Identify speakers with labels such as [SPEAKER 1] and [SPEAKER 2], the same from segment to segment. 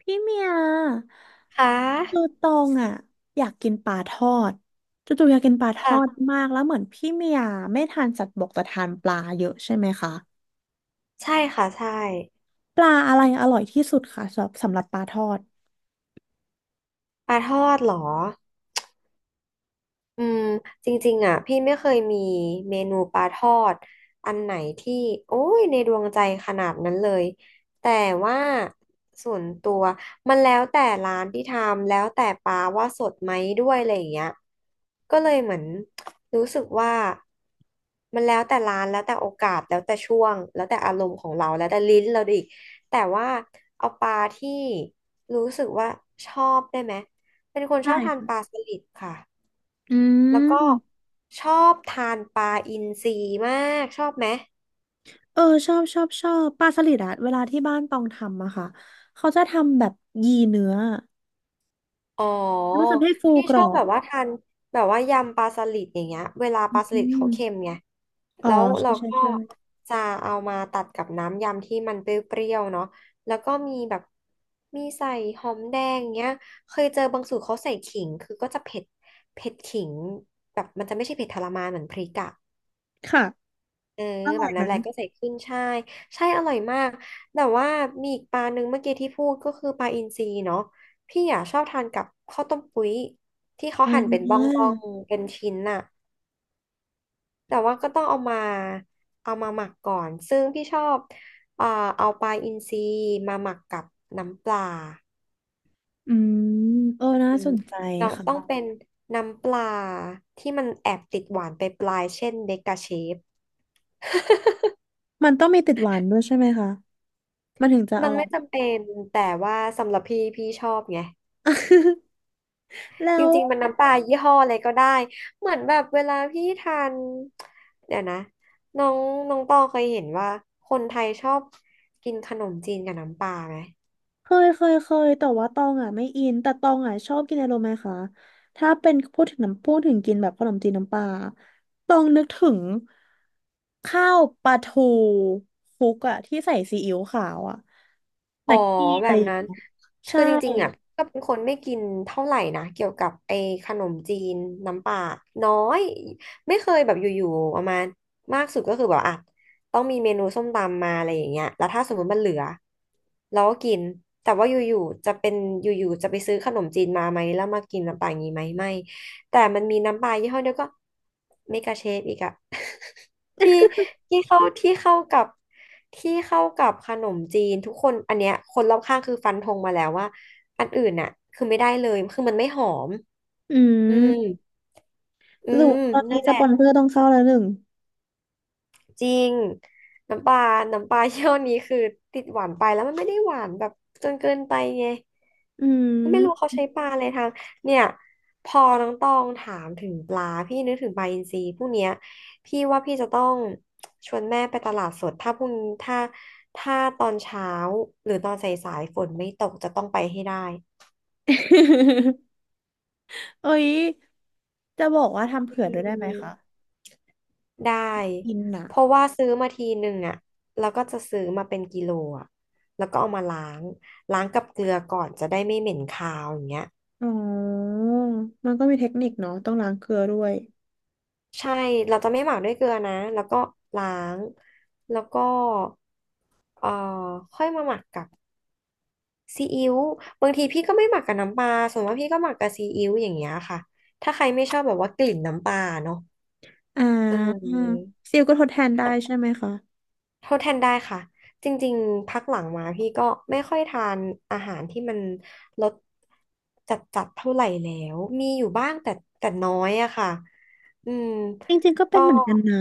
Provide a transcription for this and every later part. [SPEAKER 1] พี่เมีย
[SPEAKER 2] ค่ะ
[SPEAKER 1] คือตองอ่ะอยากกินปลาทอดจู่ๆอยากกินปลาทอด
[SPEAKER 2] ค่ะ
[SPEAKER 1] มากแล้วเหมือนพี่เมียไม่ทานสัตว์บกแต่ทานปลาเยอะใช่ไหมคะ
[SPEAKER 2] ใช่ค่ะใช่
[SPEAKER 1] ปลาอะไรอร่อยที่สุดคะสำหรับปลาทอด
[SPEAKER 2] ปลาทอดเหรอ อืมจริงๆอ่ะพี่ไม่เคยมีเมนูปลาทอดอันไหนที่โอ้ยในดวงใจขนาดนั้นเลยแต่ว่าส่วนตัวมันแล้วแต่ร้านที่ทำแล้วแต่ปลาว่าสดไหมด้วยอะไรอย่างเงี้ยก็เลยเหมือนรู้สึกว่ามันแล้วแต่ร้านแล้วแต่โอกาสแล้วแต่ช่วงแล้วแต่อารมณ์ของเราแล้วแต่ลิ้นเราอีกแต่ว่าเอาปลาที่รู้สึกว่าชอบได้ไหมเป็นคน
[SPEAKER 1] ใช่
[SPEAKER 2] ชอบทานปลา
[SPEAKER 1] ค่ะ
[SPEAKER 2] สลิดค่ะ
[SPEAKER 1] อื
[SPEAKER 2] แล้วก็
[SPEAKER 1] ม
[SPEAKER 2] ชอบทานปลาอินทรีมากชอบไหม
[SPEAKER 1] เออชอบชอบชอบปลาสลิดอะเวลาที่บ้านตองทำอะค่ะเขาจะทำแบบยีเนื้อ
[SPEAKER 2] อ๋อ
[SPEAKER 1] แล้วมันจะให้ฟู
[SPEAKER 2] พี่
[SPEAKER 1] กร
[SPEAKER 2] ช
[SPEAKER 1] อ
[SPEAKER 2] อบแบ
[SPEAKER 1] บ
[SPEAKER 2] บว่าทานแบบว่ายำปลาสลิดอย่างเงี้ยเวลาป
[SPEAKER 1] อื
[SPEAKER 2] ลาสลิดเขาเค็ม
[SPEAKER 1] ม
[SPEAKER 2] ไง
[SPEAKER 1] อ๋อ
[SPEAKER 2] แล้ว
[SPEAKER 1] ใช่
[SPEAKER 2] เรา
[SPEAKER 1] ใช่
[SPEAKER 2] ก็
[SPEAKER 1] ใช่
[SPEAKER 2] จะเอามาตัดกับน้ำยำที่มันเปรี้ยวๆเนาะแล้วก็มีแบบมีใส่หอมแดงเงี้ยเคยเจอบางสูตรเขาใส่ขิงคือก็จะเผ็ดเผ็ดขิงแบบมันจะไม่ใช่เผ็ดทรมานเหมือนพริกอะ
[SPEAKER 1] ค่ะ
[SPEAKER 2] เออ
[SPEAKER 1] อร่
[SPEAKER 2] แบ
[SPEAKER 1] อย
[SPEAKER 2] บ
[SPEAKER 1] ไหม
[SPEAKER 2] นั้นแหละก็ใส่ขึ้นใช่ใช่อร่อยมากแต่ว่ามีอีกปลาหนึ่งเมื่อกี้ที่พูดก็คือปลาอินทรีเนาะพี่อ่ะชอบทานกับข้าวต้มปุ้ยที่เขา
[SPEAKER 1] อ่
[SPEAKER 2] หั่นเป็นบ
[SPEAKER 1] า
[SPEAKER 2] ้องๆเป็นชิ้นน่ะแต่ว่าก็ต้องเอามาหมักก่อนซึ่งพี่ชอบเอ่อเอาปลาอินทรีมาหมักกับน้ำปลา
[SPEAKER 1] อืมเออน่า
[SPEAKER 2] อื
[SPEAKER 1] ส
[SPEAKER 2] ม
[SPEAKER 1] นใจ
[SPEAKER 2] เรา
[SPEAKER 1] ค่ะ
[SPEAKER 2] ต้องเป็นน้ำปลาที่มันแอบติดหวานไปปลายเช่นเดกาเชฟ
[SPEAKER 1] มันต้องมีติดหวานด้วยใช่ไหมคะ มันถึงจะ
[SPEAKER 2] มั
[SPEAKER 1] อ
[SPEAKER 2] น
[SPEAKER 1] ร่อ
[SPEAKER 2] ไม่
[SPEAKER 1] ย
[SPEAKER 2] จำเป็นแต่ว่าสำหรับพี่พี่ชอบไง
[SPEAKER 1] แล้
[SPEAKER 2] จ
[SPEAKER 1] ว
[SPEAKER 2] ริงๆ มันน้ำปลายี่ห้ออะไรก็ได้ เหมือนแบบเวลาพี่ทาน เดี๋ยวนะน้องน้องตองเคยเห็นว่าคนไทยชอบกินขนมจีนกับน้ำปลาไหม
[SPEAKER 1] เคยเคยเคยแต่ว่าตองอ่ะไม่อินแต่ตองอ่ะชอบกินอะไรรู้ไหมคะ ถ้าเป็นพูดถึงน้ำพูดถึงกินแบบขนมจีนน้ำปลาตองนึกถึงข้าวปลาทูคลุกอ่ะที่ใส่ซีอิ๊วขาวอ่ะ
[SPEAKER 2] อ๋อ
[SPEAKER 1] แม็กกี้อะ
[SPEAKER 2] แบ
[SPEAKER 1] ไร
[SPEAKER 2] บ
[SPEAKER 1] อย่าง
[SPEAKER 2] นั้น
[SPEAKER 1] เงี้ยใช่
[SPEAKER 2] คือจริงๆอ่ะก็เป็นคนไม่กินเท่าไหร่นะเกี่ยวกับไอ้ขนมจีนน้ำปลาน้อยไม่เคยแบบอยู่ๆประมาณมากสุดก็คือแบบอ่ะต้องมีเมนูส้มตำมาอะไรอย่างเงี้ยแล้วถ้าสมมติมันเหลือเราก็กินแต่ว่าอยู่ๆจะไปซื้อขนมจีนมาไหมแล้วมากินน้ำปลาอย่างงี้ไหมไม่แต่มันมีน้ำปลายี่ห้อเดียวก็เมกาเชฟอีกอะ ที่ที่เข้าที่เข้ากับที่เข้ากับขนมจีนทุกคนอันเนี้ยคนรอบข้างคือฟันธงมาแล้วว่าอันอื่นน่ะคือไม่ได้เลยคือมันไม่หอม
[SPEAKER 1] อื
[SPEAKER 2] อืม
[SPEAKER 1] ม
[SPEAKER 2] อื
[SPEAKER 1] หรือ
[SPEAKER 2] ม
[SPEAKER 1] ตอนนี้
[SPEAKER 2] นั่น
[SPEAKER 1] ส
[SPEAKER 2] แห
[SPEAKER 1] ป
[SPEAKER 2] ละ
[SPEAKER 1] อนเซอร์ต้องเข้าแล้วหนึ่ง
[SPEAKER 2] จริงน้ำปลาน้ำปลา เยี่ยวนี้คือติดหวานไปแล้วมันไม่ได้หวานแบบจนเกินไปไง
[SPEAKER 1] อื
[SPEAKER 2] ไม่รู้เขา
[SPEAKER 1] ม
[SPEAKER 2] ใช้ปลาอะไรทางเนี่ยพอน้องตองถามถึงปลาพี่นึกถึงปลาอินทรีพวกเนี้ยพี่ว่าพี่จะต้องชวนแม่ไปตลาดสดถ้าพรุ่งถ้าถ้าตอนเช้าหรือตอนสายๆฝนไม่ตกจะต้องไปให้ได้
[SPEAKER 1] เอ้ยจะบอกว่าทำ
[SPEAKER 2] อื
[SPEAKER 1] เผื่อด้วยได้ไหมคะ
[SPEAKER 2] มได้
[SPEAKER 1] อินนะ
[SPEAKER 2] เพราะว่าซื้อมาทีหนึ่งอ่ะแล้วก็จะซื้อมาเป็นกิโลอ่ะแล้วก็เอามาล้างกับเกลือก่อนจะได้ไม่เหม็นคาวอย่างเงี้ย
[SPEAKER 1] อ๋อ มันก็มีเทคนิคเนาะต้องล้างเกลือด้วย
[SPEAKER 2] ใช่เราจะไม่หมักด้วยเกลือนะแล้วก็ล้างแล้วก็ เอ่อค่อยมาหมักกับซีอิ๊วบางทีพี่ก็ไม่หมักกับน้ำปลาส่วนมากพี่ก็หมักกับซีอิ๊วอย่างเงี้ยค่ะถ้าใครไม่ชอบแบบว่ากลิ่นน้ำปลาเนาะ
[SPEAKER 1] อ่
[SPEAKER 2] เ
[SPEAKER 1] า
[SPEAKER 2] ออ
[SPEAKER 1] ซิลก็ทดแทนได้ใช่ไหมคะ
[SPEAKER 2] โทษแทนได้ค่ะจริงๆพักหลังมาพี่ก็ไม่ค่อยทานอาหารที่มันรสจัดๆเท่าไหร่แล้วมีอยู่บ้างแต่แต่น้อยอะค่ะอืม
[SPEAKER 1] จริงๆก็เป็น
[SPEAKER 2] ก็
[SPEAKER 1] เหมือนกันนะ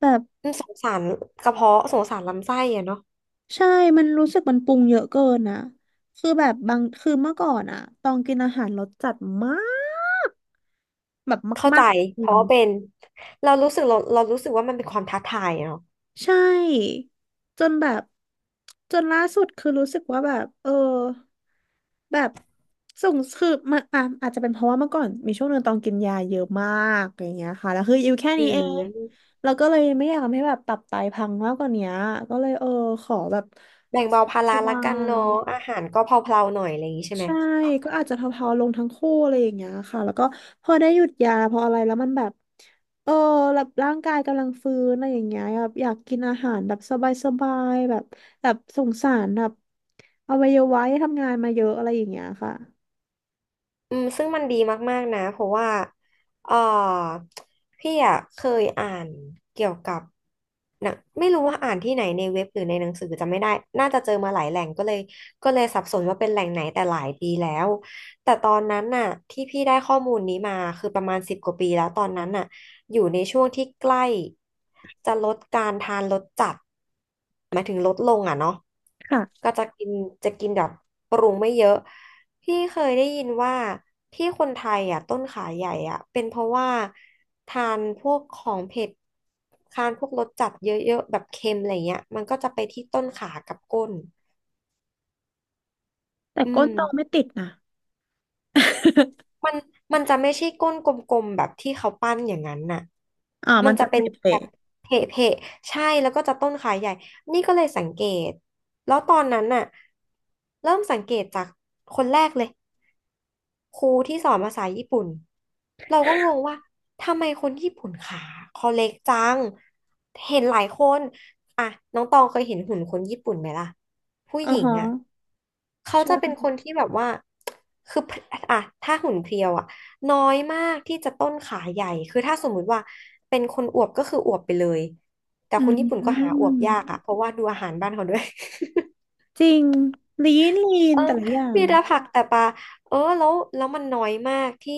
[SPEAKER 1] แบบ
[SPEAKER 2] อืมสงสารกระเพาะสงสารลำไส้อะเนาะ
[SPEAKER 1] ใช่ มันรู้สึกมันปรุงเยอะเกินนะคือแบบบางคือเมื่อก่อนอะต้องกินอาหารรสจัดมาก แบบ
[SPEAKER 2] เข้า
[SPEAKER 1] มา
[SPEAKER 2] ใจ
[SPEAKER 1] กๆจ
[SPEAKER 2] เพ
[SPEAKER 1] ริ
[SPEAKER 2] ราะ
[SPEAKER 1] ง
[SPEAKER 2] ว่าเป็นเรารู้สึกว่ามันเป็นความท้าทายอะเนาะ
[SPEAKER 1] ใช่จนแบบจนล่าสุดคือรู้สึกว่าแบบเออแบบส่งคือมาอ่ะอาจจะเป็นเพราะว่าเมื่อก่อนมีช่วงหนึ่งต้องกินยาเยอะมากอย่างเงี้ยค่ะแล้วคืออยู่แค่
[SPEAKER 2] อื
[SPEAKER 1] นี้เอง
[SPEAKER 2] ม
[SPEAKER 1] แล้วก็เลยไม่อยากทำให้แบบตับไตพังมากกว่านี้ก็เลยเออขอแบบ
[SPEAKER 2] แบ่งเบาภา
[SPEAKER 1] ส
[SPEAKER 2] ระ
[SPEAKER 1] บา
[SPEAKER 2] ละกันเนาะ
[SPEAKER 1] ย
[SPEAKER 2] อาหารก็เพลาๆหน่อยอะไรอย่างนี้ใช่ไหม
[SPEAKER 1] ใช่ก็อาจจะเพาๆลงทั้งคู่อะไรอย่างเงี้ยค่ะแล้วก็พอได้หยุดยาพออะไรแล้วมันแบบเออแบบร่างกายกำลังฟื้นอะไรอย่างเงี้ยแบบอยากกินอาหารแบบสบายๆแบบแบบสงสารแบบอวัยวะที่ทำงานมาเยอะอะไรอย่างเงี้ยค่ะ
[SPEAKER 2] อืมซึ่งมันดีมากๆนะเพราะว่าเออพี่อ่ะเคยอ่านเกี่ยวกับหนะไม่รู้ว่าอ่านที่ไหนในเว็บหรือในหนังสือจำไม่ได้น่าจะเจอมาหลายแหล่งก็เลยสับสนว่าเป็นแหล่งไหนแต่หลายปีแล้วแต่ตอนนั้นน่ะที่พี่ได้ข้อมูลนี้มาคือประมาณ10 กว่าปีแล้วตอนนั้นน่ะ อยู่ในช่วงที่ใกล้จะลดการทานรสจัดหมายถึงลดลงอ่ะเนาะ
[SPEAKER 1] ค่ะ
[SPEAKER 2] ก็จะกินจะกินแบบปรุงไม่เยอะพี่เคยได้ยินว่าที่คนไทยอ่ะต้นขาใหญ่อ่ะเป็นเพราะว่าทานพวกของเผ็ดทานพวกรสจัดเยอะๆแบบเค็มอะไรเงี้ยมันก็จะไปที่ต้นขากับก้น
[SPEAKER 1] แต่
[SPEAKER 2] อื
[SPEAKER 1] ก้น
[SPEAKER 2] ม
[SPEAKER 1] โตไม่ติดนะ
[SPEAKER 2] มันมันจะไม่ใช่ก้นกลมๆแบบที่เขาปั้นอย่างนั้นน่ะ
[SPEAKER 1] อ่า
[SPEAKER 2] มั
[SPEAKER 1] มั
[SPEAKER 2] น
[SPEAKER 1] น
[SPEAKER 2] จะ
[SPEAKER 1] จะเล
[SPEAKER 2] เป็นแบบ
[SPEAKER 1] ะ
[SPEAKER 2] เพะเพะใช่แล้วก็จะต้นขาใหญ่ นี่ก็เลยสังเกต แล้วตอนนั้นน่ะเริ่มสังเกตจากคนแรกเลย ครูที่สอนภาษาญี่ปุ่นเราก็งงว่าทำไมคนญี่ปุ่นขาเขาเล็กจังเห็นหลายคนอ่ะน้องตองเคยเห็นหุ่นคนญี่ปุ่นไหมล่ะผู้
[SPEAKER 1] ๆอ๋
[SPEAKER 2] ห
[SPEAKER 1] อ
[SPEAKER 2] ญิง
[SPEAKER 1] ฮะ
[SPEAKER 2] อ่ะเขา
[SPEAKER 1] ใ
[SPEAKER 2] จะเป็นค
[SPEAKER 1] ช่
[SPEAKER 2] นที่แบบว่าคืออ่ะถ้าหุ่นเพรียวอ่ะน้อยมากที่จะต้นขาใหญ่คือถ้าสมมุติว่าเป็นคนอวบก็คืออวบไปเลยแต่
[SPEAKER 1] อื
[SPEAKER 2] คนญี่ปุ่นก็หาอวบยากอ่ะ
[SPEAKER 1] ม
[SPEAKER 2] เพราะว่าดูอาหารบ้านเขาด้วย
[SPEAKER 1] จริงลีนลี
[SPEAKER 2] เอ
[SPEAKER 1] น
[SPEAKER 2] อ
[SPEAKER 1] แต่ละอย่าง
[SPEAKER 2] มีแต่ผักแต่ปลาเออแล้วมันน้อยมากที่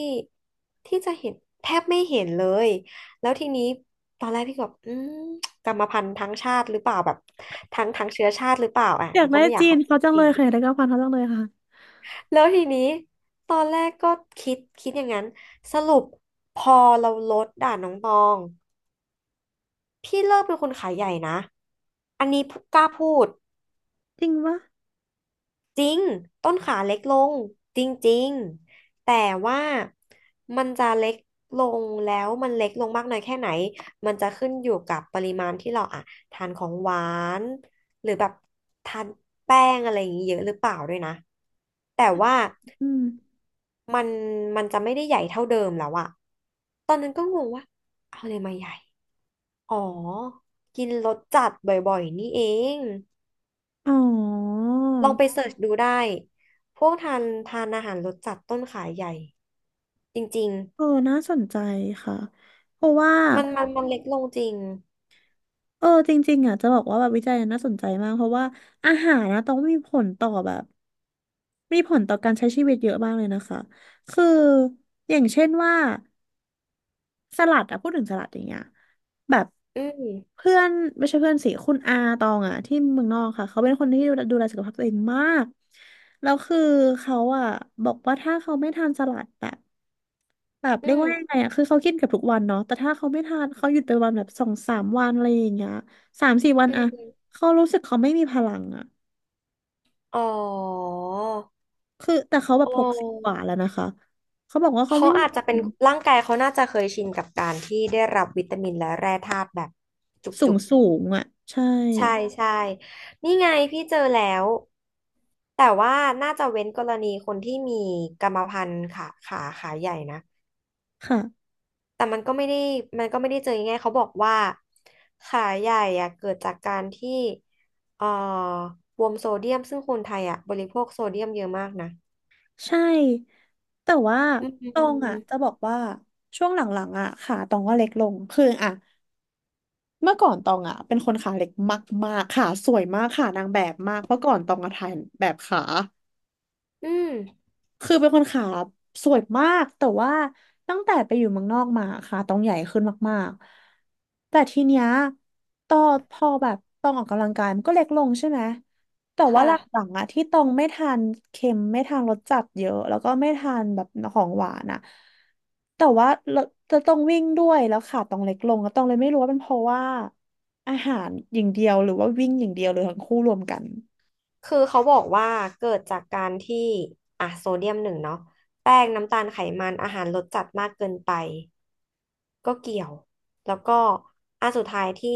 [SPEAKER 2] ที่จะเห็นแทบไม่เห็นเลย แล้วทีนี้ตอนแรกพี่ก็แบบอืมกรรมพันธุ์ทั้งชาติหรือเปล่าแบบทั้งเชื้อชาติหรือเปล่าอ่ะ
[SPEAKER 1] อยา
[SPEAKER 2] แล้
[SPEAKER 1] ก
[SPEAKER 2] ว
[SPEAKER 1] ได้
[SPEAKER 2] ก็ไม่อยา
[SPEAKER 1] จี
[SPEAKER 2] ก
[SPEAKER 1] น
[SPEAKER 2] เข้าข้า
[SPEAKER 1] เขา
[SPEAKER 2] ง
[SPEAKER 1] จัง
[SPEAKER 2] ิ
[SPEAKER 1] เลยค่ะอยากได้กะเพราเขาจังเลยค่ะ
[SPEAKER 2] แล้วทีนี้ตอนแรกก็คิดอย่างนั้น สรุปพอเราลดด่านน้องตอง พี่เลิกเป็นคนขายใหญ่นะ อันนี้กล้าพูด
[SPEAKER 1] จริงปะ
[SPEAKER 2] จริงต้นขาเล็กลงจริงๆแต่ว่ามันจะเล็กลงแล้วมันเล็กลงมากน้อยแค่ไหนมันจะขึ้นอยู่กับปริมาณที่เราอะทานของหวานหรือแบบทานแป้งอะไรอย่างนี้เยอะหรือเปล่าด้วยนะแต่ว่า
[SPEAKER 1] อืม
[SPEAKER 2] มันมันจะไม่ได้ใหญ่เท่าเดิมแล้วอะตอนนั้นก็งงว่าเอาเลยมาใหญ่อ๋อกินรสจัดบ่อยๆนี่เอง
[SPEAKER 1] อ๋อ
[SPEAKER 2] ลองไปเสิร์ชดูได้ พวกทานอาหารรสจัดต้นขายใหญ่จริง
[SPEAKER 1] เออน่าสนใจค่ะเพราะว่า
[SPEAKER 2] ๆมันเล็กลงจริง
[SPEAKER 1] เออจริงๆอ่ะจะบอกว่าแบบวิจัยน่าสนใจมาก เพราะว่าอาหารนะต้องมีผลต่อแบบมีผลต่อการใช้ชีวิตเยอะมากเลยนะคะคืออย่างเช่นว่าสลัดอะพูดถึงสลัดอย่างเงี้ยแบบ
[SPEAKER 2] อืม
[SPEAKER 1] เพื่อนไม่ใช่เพื่อนสิคุณอาตองอะที่เมืองนอกค่ะเขาเป็นคนที่ดูแลสุขภาพตัวเองมาก แล้วคือเขาอะบอกว่าถ้าเขาไม่ทานสลัดอะ แบบ
[SPEAKER 2] อื
[SPEAKER 1] เรียก
[SPEAKER 2] ม
[SPEAKER 1] ว่ายังไงอ่ะคือเขากินเกับทุกวันเนาะแต่ถ้าเขาไม่ทานเขาหยุดไปวันแบบสองสามวันอะไรอย่างเงี้ยสามสี่วัน
[SPEAKER 2] อื
[SPEAKER 1] อะ
[SPEAKER 2] ม
[SPEAKER 1] เขารู้สึกเขาไม่มีพลังอะ
[SPEAKER 2] อ๋อ
[SPEAKER 1] คือแต่เขาแบ
[SPEAKER 2] อ๋
[SPEAKER 1] บหกสิบกว่า
[SPEAKER 2] อ
[SPEAKER 1] แล้วนะคะ เขาบอกว่าเขา
[SPEAKER 2] เขา
[SPEAKER 1] ไม่
[SPEAKER 2] อาจจะเป็นร่างกายเขาน่าจะเคยชินกับการที่ได้รับวิตามินและแร่ธาตุแบบ
[SPEAKER 1] สู
[SPEAKER 2] จุ
[SPEAKER 1] ง
[SPEAKER 2] ก
[SPEAKER 1] สูงอะใช่
[SPEAKER 2] ๆใช่ใช่นี่ไงพี่เจอแล้ว แต่ว่าน่าจะเว้นกรณีคนที่มีกรรมพันธุ์ขาใหญ่นะ
[SPEAKER 1] ค่ะ
[SPEAKER 2] แต่มันก็ไม่ได้มันก็ไม่ได้เจอง่ายๆเขาบอกว่าขาใหญ่อะเกิดจากการที่เอ่อบวมโซเดียมซึ่งคนไทยอะบริโภคโซเดียมเยอะมากนะ
[SPEAKER 1] ใช่ แต่ว่า
[SPEAKER 2] อื
[SPEAKER 1] ตองอะ
[SPEAKER 2] ม
[SPEAKER 1] จะบอกว่าช่วงหลังๆอะขาตองก็เล็กลง คืออะเมื่อก่อนตองอะเป็นคนขาเล็กมากๆขาสวยมากขานางแบบมากเมื่อก่อนตองอะถ่ายแบบขา
[SPEAKER 2] อืม
[SPEAKER 1] คือเป็นคนขาสวยมากแต่ว่าตั้งแต่ไปอยู่เมืองนอกมาขาต้องใหญ่ขึ้นมากๆแต่ทีเนี้ยตอพอแบบต้องออกกำลังกายมันก็เล็กลงใช่ไหมแต่
[SPEAKER 2] ค
[SPEAKER 1] ว่าหลั
[SPEAKER 2] ่ะ
[SPEAKER 1] งๆอะที่ต้องไม่ทานเค็มไม่ทานรสจัดเยอะแล้วก็ไม่ทานแบบของหวานอะแต่ว่าเราจะต้องวิ่งด้วยแล้วขาต้องเล็กลงก็ต้องเลยไม่รู้ว่าเป็นเพราะว่าอาหารอย่างเดียวหรือว่าวิ่งอย่างเดียวหรือทั้งคู่รวมกัน
[SPEAKER 2] คือเขาบอกว่าเกิดจากการที่อ่ะโซเดียมหนึ่งเนาะแป้งน้ำตาลไขมันอาหารรสจัดมากเกินไป ก็เกี่ยวแล้วก็อันสุดท้ายที่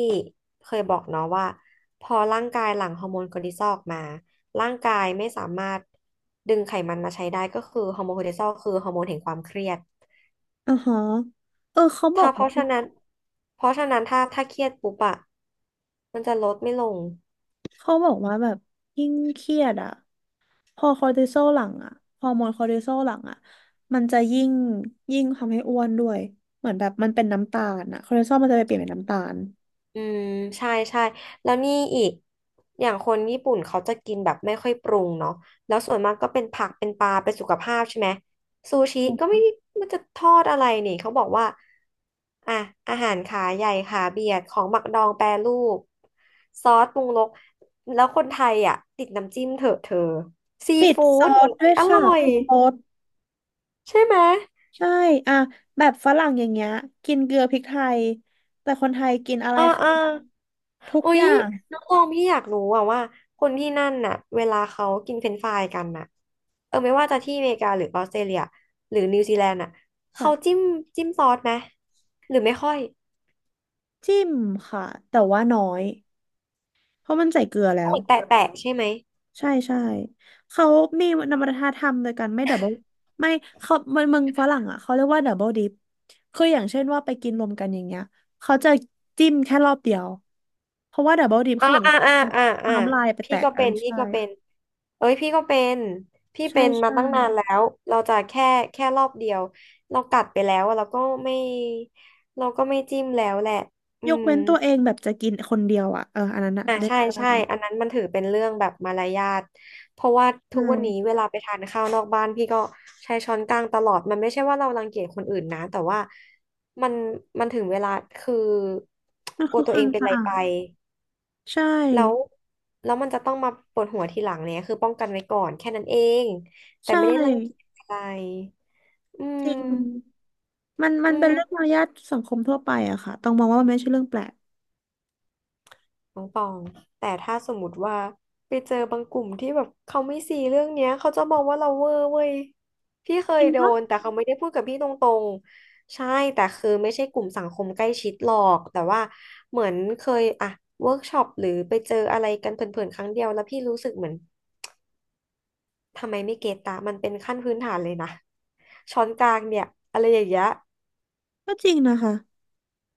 [SPEAKER 2] เคยบอกเนาะว่าพอร่างกายหลั่งฮอร์โมนคอร์ติซอลออกมาร่างกายไม่สามารถดึงไขมันมาใช้ได้ก็คือฮอร์โมนคอร์ติซอลคือฮอร์โมนแห่งความเครียด
[SPEAKER 1] อ่าฮะเออเขาบอ
[SPEAKER 2] ถ้า
[SPEAKER 1] ก
[SPEAKER 2] เพราะ
[SPEAKER 1] ว่า
[SPEAKER 2] ฉะนั้นเพราะฉะนั้นถ้าเครียดปุ๊บอะมันจะลดไม่ลง
[SPEAKER 1] เขาบอกว่าแบบยิ่งเครียดอ่ะพอคอร์ติซอลหลังอ่ะฮอร์โมนคอร์ติซอลหลังอ่ะมันจะยิ่งทำให้อ้วนด้วยเหมือนแบบมันเป็นน้ำตาลอ่ะคอร์ติซอลมันจะไปเปลี่ยนเป็นน้ำตาล
[SPEAKER 2] อืมใช่ใช่แล้วนี่อีกอย่างคนญี่ปุ่นเขาจะกินแบบไม่ค่อยปรุงเนาะแล้วส่วนมากก็เป็นผักเป็นปลาเป็นสุขภาพใช่ไหมซูชิก็ไม่มันจะทอดอะไรนี่เขาบอกว่าอ่ะอาหารขาใหญ่ขาเบียดของหมักดองแปรรูปซอสปรุงรสแล้วคนไทยอ่ะติดน้ำจิ้มเถอะเธอซี
[SPEAKER 1] ติด
[SPEAKER 2] ฟู้
[SPEAKER 1] ซอ
[SPEAKER 2] ดนี่
[SPEAKER 1] สด้วย
[SPEAKER 2] อ
[SPEAKER 1] ค่ะ
[SPEAKER 2] ร่อ
[SPEAKER 1] ป
[SPEAKER 2] ย
[SPEAKER 1] รุงรส
[SPEAKER 2] ใช่ไหม
[SPEAKER 1] ใช่อ่ะแบบฝรั่งอย่างเงี้ยกินเกลือพริกไทยแต่คนไทยกินอะไร
[SPEAKER 2] ออ
[SPEAKER 1] คะ
[SPEAKER 2] เออ
[SPEAKER 1] ทุก
[SPEAKER 2] อุ๊
[SPEAKER 1] อ
[SPEAKER 2] ย
[SPEAKER 1] ย่าง
[SPEAKER 2] น้องตองพี่อยากรู้อะว่าคนที่นั่นน่ะเวลาเขากินเฟรนช์ฟรายกันน่ะเออไม่ว่าจะที่อเมริกาหรือออสเตรเลียหรือนิวซีแลนด์น่ะเขา
[SPEAKER 1] ค่ะ
[SPEAKER 2] จิ้มจิ้มซอสไหมหรือไม่ค่อย
[SPEAKER 1] จิ้มค่ะแต่ว่าน้อยเพราะมันใส่เกลือแล้
[SPEAKER 2] เห
[SPEAKER 1] ว
[SPEAKER 2] มือนแตะแตะใช่ไหม
[SPEAKER 1] ใช่ใช่เขามีนวัฒนธรรมโดยการไม่ดับเบิลไม่เขามันเมืองฝรั่งอ่ะเขาเรียกว่าดับเบิลดิปคืออย่างเช่นว่าไปกินรวมกันอย่างเงี้ยเขาจะจิ้มแค่รอบเดียวเพราะว่าดับเบิลดิป
[SPEAKER 2] อ่า
[SPEAKER 1] คือเหมือน
[SPEAKER 2] อ่าอ่าอ่า
[SPEAKER 1] เอา
[SPEAKER 2] อ่า
[SPEAKER 1] น้ำลายไปแตะอะไร
[SPEAKER 2] พี่
[SPEAKER 1] ใช่
[SPEAKER 2] ก็เป็นเอ้ยพี่ก็เป็นพี่
[SPEAKER 1] ใช่
[SPEAKER 2] เป็นมา
[SPEAKER 1] ใช่
[SPEAKER 2] ตั้งนานแล้วเราจะแค่รอบเดียวเรากัดไปแล้วอะไม่เราก็ไม่จิ้มแล้วแหละอื
[SPEAKER 1] ยก
[SPEAKER 2] ม
[SPEAKER 1] เว้นตัวเองแบบจะกินคนเดียวอ่ะเอออันนั้นอ่ะ
[SPEAKER 2] อ่า
[SPEAKER 1] ได้
[SPEAKER 2] ใช่
[SPEAKER 1] ได้
[SPEAKER 2] ใช่อันนั้นมันถือเป็นเรื่องแบบมารยาทเพราะว่าทุ
[SPEAKER 1] ใช่
[SPEAKER 2] กวันนี้เวลาไปทานข้าวนอกบ้านพี่ก็ใช้ช้อนกลางตลอดมันไม่ใช่ว่าเรารังเกียจคนอื่นนะแต่ว่ามันมันถึงเวลาคือ
[SPEAKER 1] มัน
[SPEAKER 2] กลั
[SPEAKER 1] คื
[SPEAKER 2] ว
[SPEAKER 1] อค
[SPEAKER 2] ตัวเอ
[SPEAKER 1] วาม
[SPEAKER 2] งเป็นอะ
[SPEAKER 1] สะ
[SPEAKER 2] ไร
[SPEAKER 1] อา
[SPEAKER 2] ไป
[SPEAKER 1] ดใช่
[SPEAKER 2] แล้วแล้วมันจะต้องมาปวดหัวทีหลังเนี่ยคือป้องกันไว้ก่อนแค่นั้นเองแต่
[SPEAKER 1] ใช
[SPEAKER 2] ไม่ได้รังเกียจ
[SPEAKER 1] ่
[SPEAKER 2] อะไรอื
[SPEAKER 1] จริ
[SPEAKER 2] ม
[SPEAKER 1] งมันมั
[SPEAKER 2] อื
[SPEAKER 1] นเป็น
[SPEAKER 2] ม
[SPEAKER 1] เรื่องมารยาทสังคมทั่วไปอะค่ะต้องมองว่ามันไม่ใช่เรื่องแปลก
[SPEAKER 2] น้องตองแต่ถ้าสมมติว่าไปเจอบางกลุ่มที่แบบเขาไม่ซีเรื่องเนี้ยเขาจะมองว่าเราเวอร์เว้ยพี่เค
[SPEAKER 1] จ
[SPEAKER 2] ย
[SPEAKER 1] ริง
[SPEAKER 2] โด
[SPEAKER 1] ปะ
[SPEAKER 2] นแต่เขาไม่ได้พูดกับพี่ตรงๆใช่แต่คือไม่ใช่กลุ่มสังคมใกล้ชิดหรอกแต่ว่าเหมือนเคยอะเวิร์กช็อปหรือไปเจออะไรกันเพลินๆครั้งเดียวแล้วพี่รู้สึกเหมือนทำไมไม่เก็ตตามันเป็นขั้นพื้นฐานเลยนะช้อนกลางเนี่ยอะไรอย่างเงี้ย
[SPEAKER 1] ก็จริงนะคะ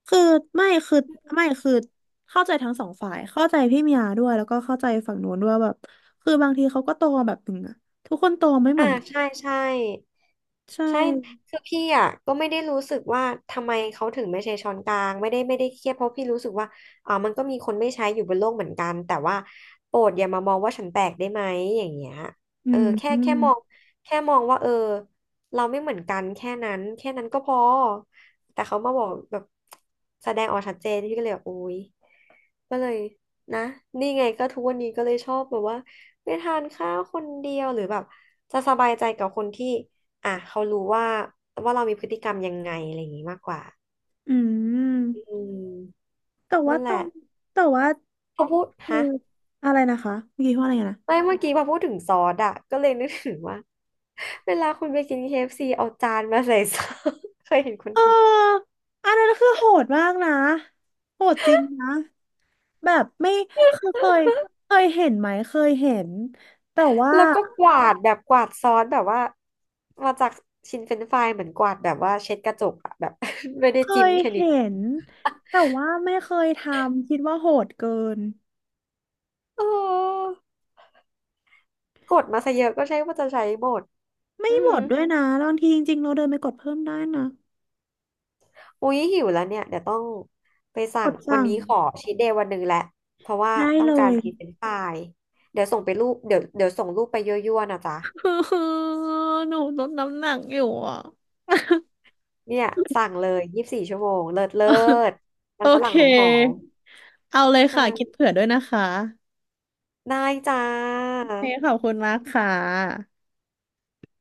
[SPEAKER 1] คือไม่คือคือเข้าใจทั้งสองฝ่ายเข้าใจพี่มียาด้วยแล้วก็เข้าใจฝั่งนู้นด้วยแบบคือบางทีเขาก็โตมาแบบหนึ่งอะทุกคนโตไม่เห
[SPEAKER 2] อ่า
[SPEAKER 1] มือนกัน
[SPEAKER 2] ใช่ใช่
[SPEAKER 1] ใช
[SPEAKER 2] ใช่
[SPEAKER 1] ่
[SPEAKER 2] คือพี่อ่ะก็ไม่ได้รู้สึกว่าทำไมเขาถึงไม่ใช้ช้อนกลางไม่ได้เครียดเพราะพี่รู้สึกว่าอ่ามันก็มีคนไม่ใช้อยู่บนโลกเหมือนกันแต่ว่าโปรดอย่ามามองว่าฉันแปลกได้ไหมอย่างเงี้ย
[SPEAKER 1] อื
[SPEAKER 2] เออ
[SPEAKER 1] มอืม
[SPEAKER 2] แค่มองว่าเออเราไม่เหมือนกันแค่นั้นแค่นั้นก็พอแต่เขามาบอกแบบแสดงออกชัดเจนพี่ก็เลยแบบโอ๊ย ก็เลยนะนี่ไงก็ทุกวันนี้ก็เลยชอบแบบว่าไปทานข้าวคนเดียวหรือแบบจะสบายใจกับคนที่อ่ะเขารู้ว่าว่าเรามีพฤติกรรมยังไงอะไรอย่างงี้มากกว่า
[SPEAKER 1] อื
[SPEAKER 2] อื
[SPEAKER 1] ม
[SPEAKER 2] ม
[SPEAKER 1] แต่ว่า
[SPEAKER 2] นั่น
[SPEAKER 1] ต
[SPEAKER 2] แห
[SPEAKER 1] อ
[SPEAKER 2] ละ
[SPEAKER 1] นแต่ว่า
[SPEAKER 2] พอพูด
[SPEAKER 1] คือ
[SPEAKER 2] ฮะ
[SPEAKER 1] อะไรนะคะเมื่อกี้ว่าอะไรนะ
[SPEAKER 2] ไม่เมื่อกี้พอพูดถึงซอสอ่ะก็เลยนึกถึงว่าเวลาคุณไปกิน KFC เอฟซีเอาจานมาใส่ซอส เคยเห็นคน
[SPEAKER 1] เอ
[SPEAKER 2] ไทย
[SPEAKER 1] ออันนั้นคือโหดมากนะโหดจริงนะแบบไม่คือเคยเคยเห็นไหมเคยเห็นแต่ว่า
[SPEAKER 2] แล้วก็กวาดแบบกวาดซอสแบบว่ามาจากชิ้นเฟรนช์ฟรายเหมือนกวาดแบบว่าเช็ดกระจกอะแบบ ไม่ได้
[SPEAKER 1] เค
[SPEAKER 2] จิ้ม
[SPEAKER 1] ย
[SPEAKER 2] แค่นิด
[SPEAKER 1] เห็นแต่ว่าไม่เคยทำคิดว่าโหดเกิน
[SPEAKER 2] เออกดมาซะเยอะก็ใช่ว่าจะใช้หมด
[SPEAKER 1] ไม่
[SPEAKER 2] อื
[SPEAKER 1] หม
[SPEAKER 2] ม
[SPEAKER 1] ดด้วยนะบางทีจริงๆเราเดินไปกดเพิ่มได้นะ
[SPEAKER 2] อุ๊ยหิวแล้วเนี่ยเดี๋ยวต้องไป
[SPEAKER 1] ก
[SPEAKER 2] สั่ง
[SPEAKER 1] ด
[SPEAKER 2] วัน
[SPEAKER 1] สั่ง
[SPEAKER 2] นี้ขอชีทเดย์วันหนึ่งแหละเพราะว่า
[SPEAKER 1] ได้
[SPEAKER 2] ต้อ
[SPEAKER 1] เล
[SPEAKER 2] งการ
[SPEAKER 1] ย
[SPEAKER 2] กินเป็นฝ่ายเดี๋ยวส่งไปรูปเดี๋ยวเดี๋ยวส่งรูปไปยั่วๆนะจ๊ะ
[SPEAKER 1] คือหนูลดน้ำหนักอยู่อ่ะ
[SPEAKER 2] เนี่ยสั่งเลย24 ชั่วโมงเลิศเลิศมั
[SPEAKER 1] โอ
[SPEAKER 2] นฝ
[SPEAKER 1] เค
[SPEAKER 2] รั่งหอม
[SPEAKER 1] เอาเลย
[SPEAKER 2] ๆใช่
[SPEAKER 1] ค่ะคิดเผื่อด้วยนะคะ
[SPEAKER 2] ได้จ้า
[SPEAKER 1] โอเคขอบคุณมากค่ะ